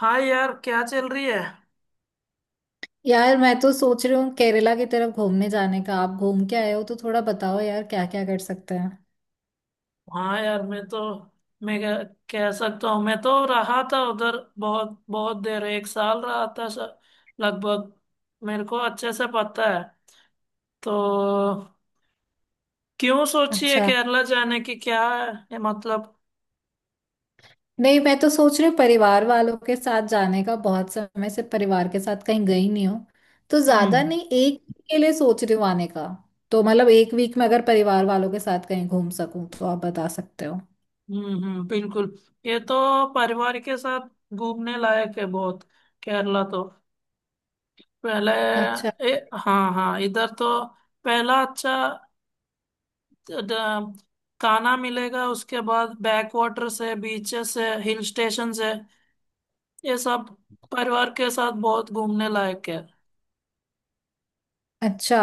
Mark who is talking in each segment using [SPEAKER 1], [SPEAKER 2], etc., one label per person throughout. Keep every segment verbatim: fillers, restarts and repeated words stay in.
[SPEAKER 1] हाय यार, क्या चल रही है?
[SPEAKER 2] यार मैं तो सोच रही हूँ केरला की तरफ घूमने जाने का। आप घूम के आए हो तो थोड़ा बताओ यार, क्या क्या कर सकते हैं।
[SPEAKER 1] हाँ यार, मैं तो मैं कह, कह सकता हूँ, मैं तो रहा था उधर। बहुत बहुत देर, एक साल रहा था। श- लगभग। मेरे को अच्छे से पता है। तो क्यों सोची है
[SPEAKER 2] अच्छा।
[SPEAKER 1] केरला जाने की, क्या है ये मतलब?
[SPEAKER 2] नहीं, मैं तो सोच रही हूँ परिवार वालों के साथ जाने का। बहुत समय से परिवार के साथ कहीं गई नहीं हूँ, तो ज्यादा
[SPEAKER 1] हम्म
[SPEAKER 2] नहीं, एक week के लिए सोच रही हूँ आने का। तो मतलब एक वीक में अगर परिवार वालों के साथ कहीं घूम सकूँ तो आप बता सकते हो।
[SPEAKER 1] हम्म हम्म, बिल्कुल। ये तो परिवार के साथ घूमने लायक है, बहुत। केरला तो पहले...
[SPEAKER 2] अच्छा।
[SPEAKER 1] ए, हाँ हाँ, इधर तो पहला अच्छा द- कान्हा मिलेगा। उसके बाद बैक वाटर्स है, बीचेस है, हिल स्टेशन है, ये सब परिवार के साथ बहुत घूमने लायक है।
[SPEAKER 2] अच्छा,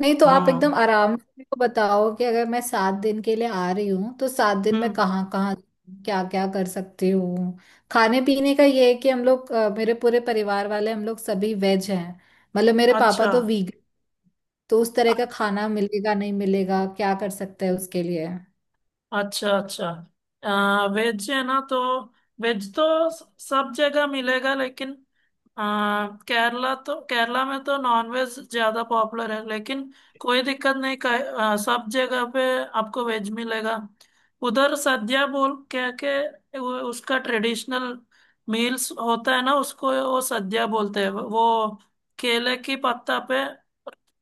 [SPEAKER 2] नहीं तो आप एकदम
[SPEAKER 1] हाँ।
[SPEAKER 2] आराम से मेरे को बताओ कि अगर मैं सात दिन के लिए आ रही हूँ तो सात दिन में
[SPEAKER 1] हम्म।
[SPEAKER 2] कहाँ कहाँ क्या क्या कर सकती हूँ। खाने पीने का ये है कि हम लोग अ, मेरे पूरे परिवार वाले, हम लोग सभी वेज हैं। मतलब मेरे पापा
[SPEAKER 1] अच्छा
[SPEAKER 2] तो वीगन। तो उस तरह का खाना मिलेगा, नहीं मिलेगा, क्या कर सकते हैं उसके लिए।
[SPEAKER 1] अच्छा। अच्छा, आ, वेज है ना, तो वेज तो स- सब जगह मिलेगा, लेकिन आ, केरला तो केरला में तो नॉन वेज ज्यादा पॉपुलर है, लेकिन कोई दिक्कत नहीं। का, आ, सब जगह पे आपको वेज मिलेगा। उधर सद्या बोल क्या के वो- उसका ट्रेडिशनल मील्स होता है ना, उसको वो सद्या बोलते हैं। वो केले की पत्ता पे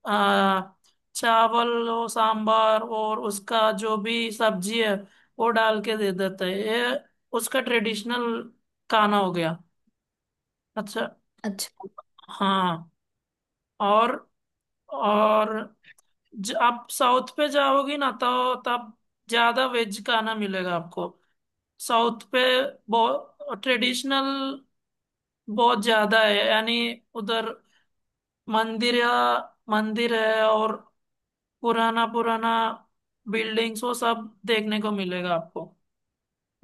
[SPEAKER 1] आ, चावल और सांभर और उसका जो भी सब्जी है वो डाल के दे देते हैं। ये उसका ट्रेडिशनल खाना हो गया। अच्छा। हाँ। और और ज, आप साउथ पे जाओगी ना, तो तब ज्यादा वेज खाना मिलेगा आपको। साउथ पे बहुत ट्रेडिशनल, बहुत ज्यादा है यानी। उधर मंदिर मंदिर है, और पुराना पुराना बिल्डिंग्स वो सब देखने को मिलेगा आपको।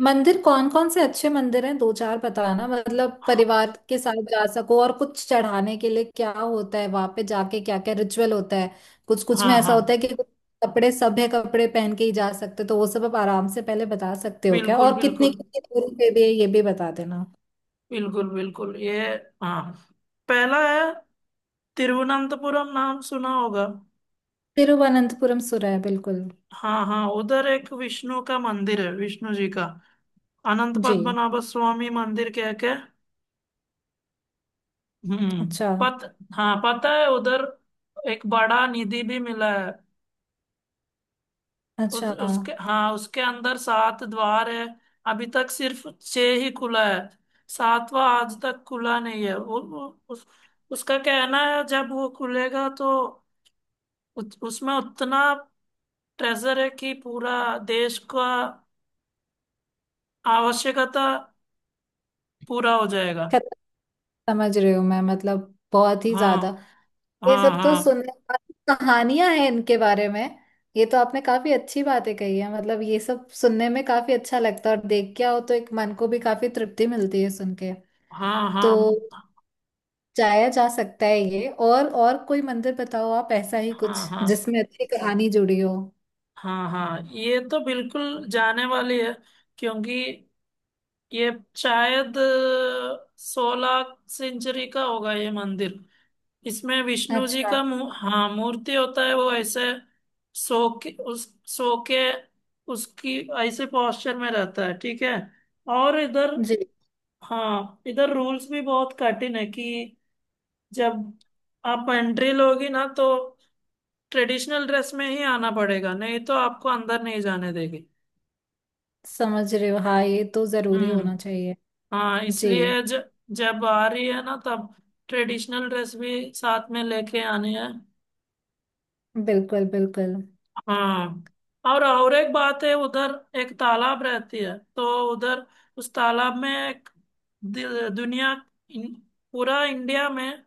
[SPEAKER 2] मंदिर कौन कौन से अच्छे मंदिर हैं, दो चार बताना। मतलब
[SPEAKER 1] हाँ
[SPEAKER 2] परिवार के साथ जा सको, और कुछ चढ़ाने के लिए क्या होता है वहां पे जाके, क्या क्या रिचुअल होता है। कुछ कुछ में
[SPEAKER 1] हाँ
[SPEAKER 2] ऐसा होता है
[SPEAKER 1] हाँ,
[SPEAKER 2] कि कुछ कपड़े, सभ्य कपड़े पहन के ही जा सकते हो, तो वो सब आप आराम से पहले बता सकते हो क्या,
[SPEAKER 1] बिल्कुल
[SPEAKER 2] और कितने
[SPEAKER 1] बिल्कुल
[SPEAKER 2] कितने दूरी पे भी है ये भी बता देना।
[SPEAKER 1] बिल्कुल बिल्कुल। ये, हाँ, पहला है तिरुवनंतपुरम। नाम सुना होगा।
[SPEAKER 2] तिरुवनंतपुरम सुर है बिल्कुल।
[SPEAKER 1] हाँ हाँ, उधर एक विष्णु का मंदिर है, विष्णु जी का। अनंत
[SPEAKER 2] जी।
[SPEAKER 1] पद्मनाभ स्वामी मंदिर कह के। हम्म,
[SPEAKER 2] अच्छा।
[SPEAKER 1] पत हाँ, पता है उधर। एक बड़ा निधि भी मिला है। उस,
[SPEAKER 2] अच्छा।
[SPEAKER 1] उसके, हाँ, उसके अंदर सात द्वार है। अभी तक सिर्फ छह ही खुला है, सातवां आज तक खुला नहीं है। वो, वो उस, उसका कहना है जब वो खुलेगा तो उत, उसमें उतना ट्रेजर है कि पूरा देश का आवश्यकता पूरा हो जाएगा।
[SPEAKER 2] खत- समझ रही हूँ मैं, मतलब बहुत ही
[SPEAKER 1] हाँ
[SPEAKER 2] ज्यादा। ये
[SPEAKER 1] हाँ।
[SPEAKER 2] सब तो
[SPEAKER 1] हाँ
[SPEAKER 2] सुनने वाली कहानियां हैं इनके बारे में। ये तो आपने काफी अच्छी बातें कही है, मतलब ये सब सुनने में काफी अच्छा लगता है और देख के आओ तो एक मन को भी काफी तृप्ति मिलती है सुन के।
[SPEAKER 1] हाँ
[SPEAKER 2] तो
[SPEAKER 1] हाँ।
[SPEAKER 2] जाया जा सकता है ये, और और कोई मंदिर बताओ आप ऐसा ही कुछ
[SPEAKER 1] हाँ हाँ
[SPEAKER 2] जिसमें अच्छी कहानी जुड़ी हो।
[SPEAKER 1] हाँ हाँ। ये तो बिल्कुल जाने वाली है, क्योंकि ये शायद सोलह सेंचुरी का होगा ये मंदिर। इसमें विष्णु जी
[SPEAKER 2] अच्छा
[SPEAKER 1] का मू, हाँ मूर्ति होता है। वो ऐसे सो के उस सो के उसकी ऐसे पोस्चर में रहता है, ठीक है। और इधर,
[SPEAKER 2] जी।
[SPEAKER 1] हाँ, इधर रूल्स भी बहुत कठिन है कि जब आप एंट्री लोगी ना, तो ट्रेडिशनल ड्रेस में ही आना पड़ेगा, नहीं तो आपको अंदर नहीं जाने देगी।
[SPEAKER 2] समझ रहे हो हाँ, ये तो जरूरी
[SPEAKER 1] हम्म।
[SPEAKER 2] होना चाहिए।
[SPEAKER 1] हाँ,
[SPEAKER 2] जी।
[SPEAKER 1] इसलिए ज, जब आ रही है ना, तब ट्रेडिशनल ड्रेस भी साथ में लेके आनी है।
[SPEAKER 2] बिल्कुल बिल्कुल।
[SPEAKER 1] हाँ। और और एक बात है उधर, एक तालाब रहती है, तो उधर उस तालाब में एक दि- दुनिया... इन, पूरा इंडिया में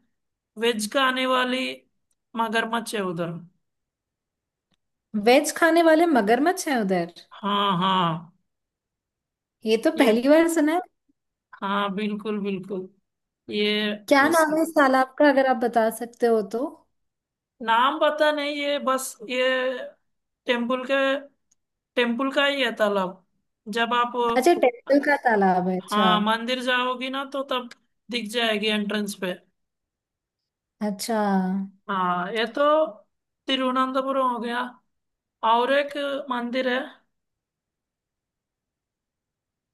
[SPEAKER 1] वेज खाने वाली मगरमच्छ है उधर।
[SPEAKER 2] वेज खाने वाले मगरमच्छ हैं उधर?
[SPEAKER 1] हाँ हाँ।
[SPEAKER 2] ये तो
[SPEAKER 1] ये,
[SPEAKER 2] पहली बार सुना है।
[SPEAKER 1] हाँ, बिल्कुल बिल्कुल। ये,
[SPEAKER 2] क्या
[SPEAKER 1] उस
[SPEAKER 2] नाम है इस तालाब का, अगर आप बता सकते हो तो।
[SPEAKER 1] नाम पता नहीं। ये बस ये टेम्पल के टेम्पल का ही है तालाब। जब आप...
[SPEAKER 2] अच्छा, टेम्पल का तालाब है, अच्छा।
[SPEAKER 1] हाँ, मंदिर जाओगी ना, तो तब दिख जाएगी एंट्रेंस पे।
[SPEAKER 2] अच्छा।
[SPEAKER 1] हाँ, ये तो तिरुवनंतपुरम हो गया। और एक मंदिर है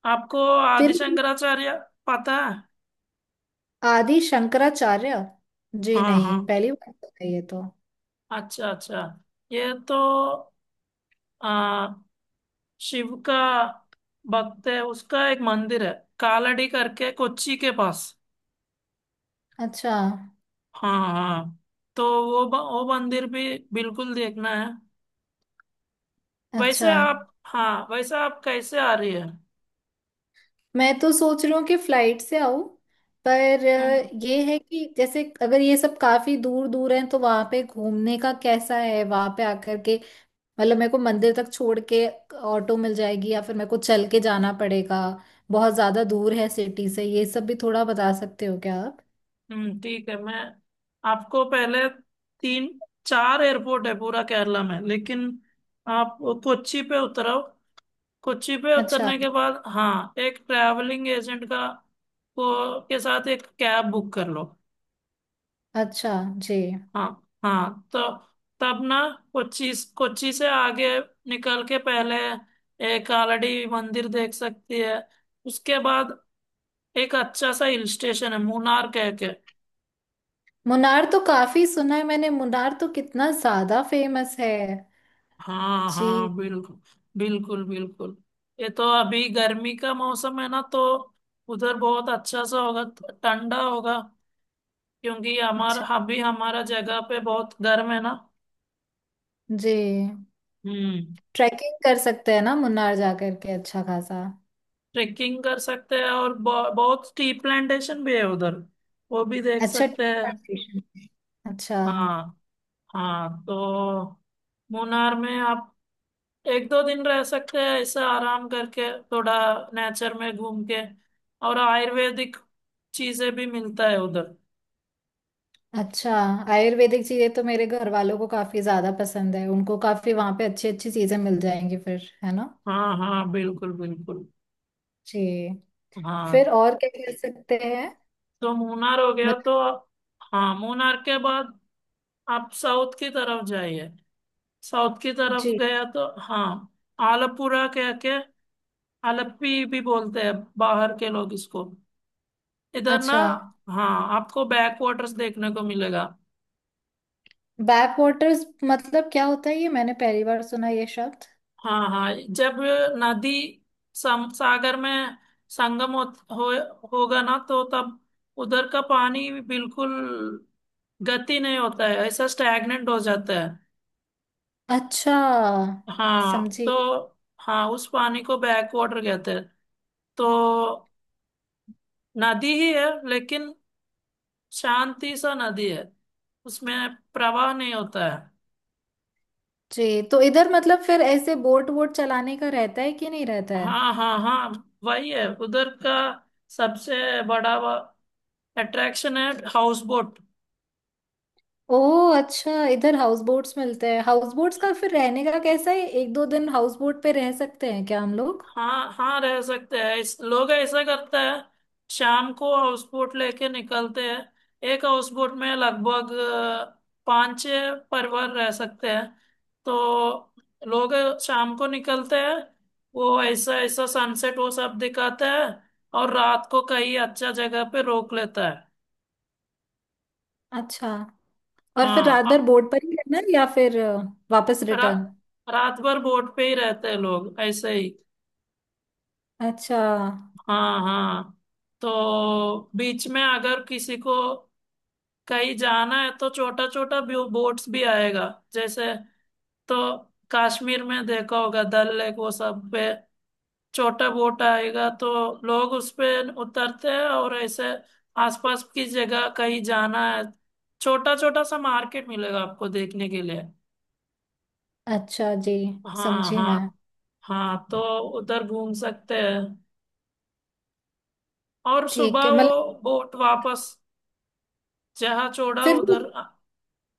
[SPEAKER 1] आपको, आदि
[SPEAKER 2] तिरु।
[SPEAKER 1] शंकराचार्य पता है?
[SPEAKER 2] आदि शंकराचार्य? जी
[SPEAKER 1] हाँ हाँ।
[SPEAKER 2] नहीं, पहली बार सुन रही है ये तो।
[SPEAKER 1] अच्छा अच्छा। ये तो आ, शिव का भक्त है, उसका एक मंदिर है कालड़ी करके, कोच्चि के पास।
[SPEAKER 2] अच्छा।
[SPEAKER 1] हाँ हाँ, तो वो ब- वो मंदिर भी बिल्कुल देखना है।
[SPEAKER 2] अच्छा,
[SPEAKER 1] वैसे आप हाँ वैसे आप कैसे आ रही है?
[SPEAKER 2] मैं तो सोच रही हूँ कि फ्लाइट से आऊं। पर अ,
[SPEAKER 1] हम्म।
[SPEAKER 2] ये है कि जैसे अगर ये सब काफी दूर दूर है तो वहां पे घूमने का कैसा है वहां पे आकर के। मतलब मेरे को मंदिर तक छोड़ के ऑटो मिल जाएगी या फिर मेरे को चल के जाना पड़ेगा। बहुत ज्यादा दूर है सिटी से, ये सब भी थोड़ा बता सकते हो क्या आप।
[SPEAKER 1] हम्म, ठीक है, मैं आपको पहले... तीन चार एयरपोर्ट है पूरा केरला में, लेकिन आप कोच्चि पे उतरो। कोच्चि पे
[SPEAKER 2] अच्छा।
[SPEAKER 1] उतरने के बाद, हाँ, एक ट्रैवलिंग एजेंट का को के साथ एक कैब बुक कर लो।
[SPEAKER 2] अच्छा। जी।
[SPEAKER 1] हाँ हाँ, तो तब ना, कोच्चि कोच्चि से आगे निकल के पहले एक आलड़ी मंदिर देख सकती है। उसके बाद एक अच्छा सा हिल स्टेशन है, मुन्नार कह के।
[SPEAKER 2] मुनार तो काफी सुना है मैंने, मुनार तो कितना ज्यादा फेमस है।
[SPEAKER 1] हाँ
[SPEAKER 2] जी।
[SPEAKER 1] हाँ, बिल्कुल बिल्कुल, बिल्कुल। ये तो अभी गर्मी का मौसम है ना, तो उधर बहुत अच्छा सा होगा, ठंडा होगा, क्योंकि हमारा
[SPEAKER 2] अच्छा।
[SPEAKER 1] अभी हमारा जगह पे बहुत गर्म है ना।
[SPEAKER 2] जी।
[SPEAKER 1] हम्म।
[SPEAKER 2] ट्रैकिंग कर सकते हैं ना मुन्नार जा करके अच्छा खासा।
[SPEAKER 1] ट्रेकिंग कर सकते हैं, और ब- बहुत टी प्लांटेशन भी है उधर, वो भी देख
[SPEAKER 2] अच्छा,
[SPEAKER 1] सकते
[SPEAKER 2] टी
[SPEAKER 1] हैं।
[SPEAKER 2] प्लांटेशन। अच्छा।
[SPEAKER 1] हाँ हाँ, तो मुन्नार में आप एक दो दिन रह सकते हैं, ऐसे आराम करके थोड़ा नेचर में घूम के। और आयुर्वेदिक चीजें भी मिलता है उधर।
[SPEAKER 2] अच्छा, आयुर्वेदिक चीजें तो मेरे घर वालों को काफी ज्यादा पसंद है, उनको काफी वहां पे अच्छी अच्छी चीजें मिल जाएंगी फिर है ना।
[SPEAKER 1] हाँ हाँ, बिल्कुल बिल्कुल।
[SPEAKER 2] जी।
[SPEAKER 1] हाँ,
[SPEAKER 2] फिर और क्या कह सकते हैं?
[SPEAKER 1] तो मूनार हो गया
[SPEAKER 2] मतलब।
[SPEAKER 1] तो आप- हाँ, मूनार के बाद आप साउथ की तरफ जाइए। साउथ की तरफ
[SPEAKER 2] जी।
[SPEAKER 1] गया तो, हाँ, आलपुरा कह के, आलप्पी भी बोलते हैं बाहर के लोग इसको, इधर ना।
[SPEAKER 2] अच्छा।
[SPEAKER 1] हाँ, आपको बैक वाटर्स देखने को मिलेगा।
[SPEAKER 2] बैक वाटर्स मतलब क्या होता है, ये मैंने पहली बार सुना ये शब्द।
[SPEAKER 1] हाँ हाँ, जब नदी सम, सागर में संगम हो, हो, होगा ना, तो तब उधर का पानी बिल्कुल गति नहीं होता है, ऐसा स्टैग्नेंट हो जाता है।
[SPEAKER 2] अच्छा।
[SPEAKER 1] हाँ
[SPEAKER 2] समझी।
[SPEAKER 1] तो। हाँ, उस पानी को बैक वाटर कहते हैं। तो नदी ही है, लेकिन शांति सा नदी है, उसमें प्रवाह नहीं होता है।
[SPEAKER 2] जी, तो इधर मतलब फिर ऐसे बोट वोट चलाने का रहता है कि नहीं रहता है?
[SPEAKER 1] हाँ हाँ हाँ, वही है उधर का सबसे बड़ा अट्रैक्शन है, हाउस बोट।
[SPEAKER 2] ओह अच्छा, इधर हाउस बोट्स मिलते हैं? हाउस बोट्स का फिर रहने का कैसा है, एक दो दिन हाउस बोट पे रह सकते हैं क्या हम लोग?
[SPEAKER 1] हाँ हाँ, रह सकते हैं। इस लोग ऐसा करते हैं, शाम को हाउस बोट लेके निकलते हैं। एक हाउस बोट में लगभग अ, पाँच छह परिवार रह सकते हैं। तो लोग शाम को निकलते हैं, वो ऐसा ऐसा सनसेट वो सब दिखाते हैं, और रात को कहीं अच्छा जगह पे रोक लेता है।
[SPEAKER 2] अच्छा। और फिर
[SPEAKER 1] हाँ,
[SPEAKER 2] रात
[SPEAKER 1] अ-
[SPEAKER 2] भर बोट पर ही रहना है या फिर अ, वापस
[SPEAKER 1] रा,
[SPEAKER 2] रिटर्न?
[SPEAKER 1] रात भर बोट पे ही रहते हैं लोग, ऐसे ही।
[SPEAKER 2] अच्छा।
[SPEAKER 1] हाँ हाँ, तो बीच में अगर किसी को कहीं जाना है तो छोटा छोटा व्यू बोट्स भी आएगा। जैसे, तो कश्मीर में देखा होगा डल लेक वो सब पे, छोटा बोट आएगा, तो लोग उस पे उतरते हैं, और ऐसे आसपास की जगह कहीं जाना है, छोटा छोटा सा मार्केट मिलेगा आपको देखने के लिए।
[SPEAKER 2] अच्छा जी,
[SPEAKER 1] हाँ
[SPEAKER 2] समझी मैं।
[SPEAKER 1] हाँ। हाँ, तो उधर घूम सकते हैं, और
[SPEAKER 2] ठीक
[SPEAKER 1] सुबह
[SPEAKER 2] है, मतलब
[SPEAKER 1] वो बोट वापस जहाँ छोड़ा
[SPEAKER 2] फिर वो
[SPEAKER 1] उधर।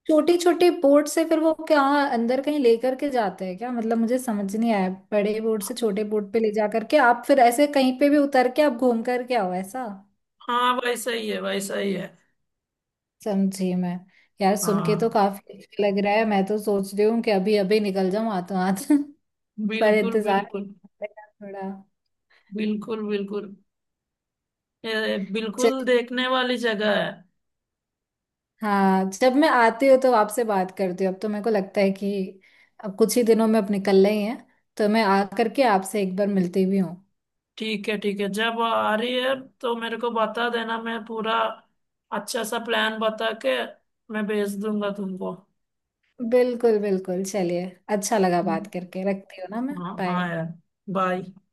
[SPEAKER 2] छोटी छोटी बोर्ड से फिर वो क्या अंदर कहीं लेकर के जाते हैं क्या, मतलब मुझे समझ नहीं आया, बड़े बोर्ड से छोटे बोर्ड पे ले जा करके आप फिर ऐसे कहीं पे भी उतर के आप घूम करके आओ ऐसा।
[SPEAKER 1] हाँ, वैसा ही है, वैसा ही है।
[SPEAKER 2] समझी मैं। यार सुन के तो
[SPEAKER 1] हाँ,
[SPEAKER 2] काफी अच्छा लग रहा है, मैं तो सोच रही हूँ कि अभी अभी निकल जाऊं हाथों हाथ पर
[SPEAKER 1] बिल्कुल
[SPEAKER 2] इंतजार
[SPEAKER 1] बिल्कुल,
[SPEAKER 2] पड़ेगा थोड़ा।
[SPEAKER 1] बिल्कुल बिल्कुल। ये
[SPEAKER 2] चल,
[SPEAKER 1] बिल्कुल देखने वाली जगह है।
[SPEAKER 2] हाँ, जब मैं आती हूँ तो आपसे बात करती हूँ। अब तो मेरे को लगता है कि अब कुछ ही दिनों में अब निकलना ही है, तो मैं आ करके आपसे एक बार मिलती भी हूँ।
[SPEAKER 1] ठीक है ठीक है, जब आ रही है तो मेरे को बता देना। मैं पूरा अच्छा सा प्लान बता के मैं भेज दूंगा तुमको।
[SPEAKER 2] बिल्कुल बिल्कुल, चलिए। अच्छा लगा बात
[SPEAKER 1] हम्म,
[SPEAKER 2] करके, रखती हूँ ना मैं,
[SPEAKER 1] हाँ
[SPEAKER 2] बाय।
[SPEAKER 1] हाँ यार, बाय।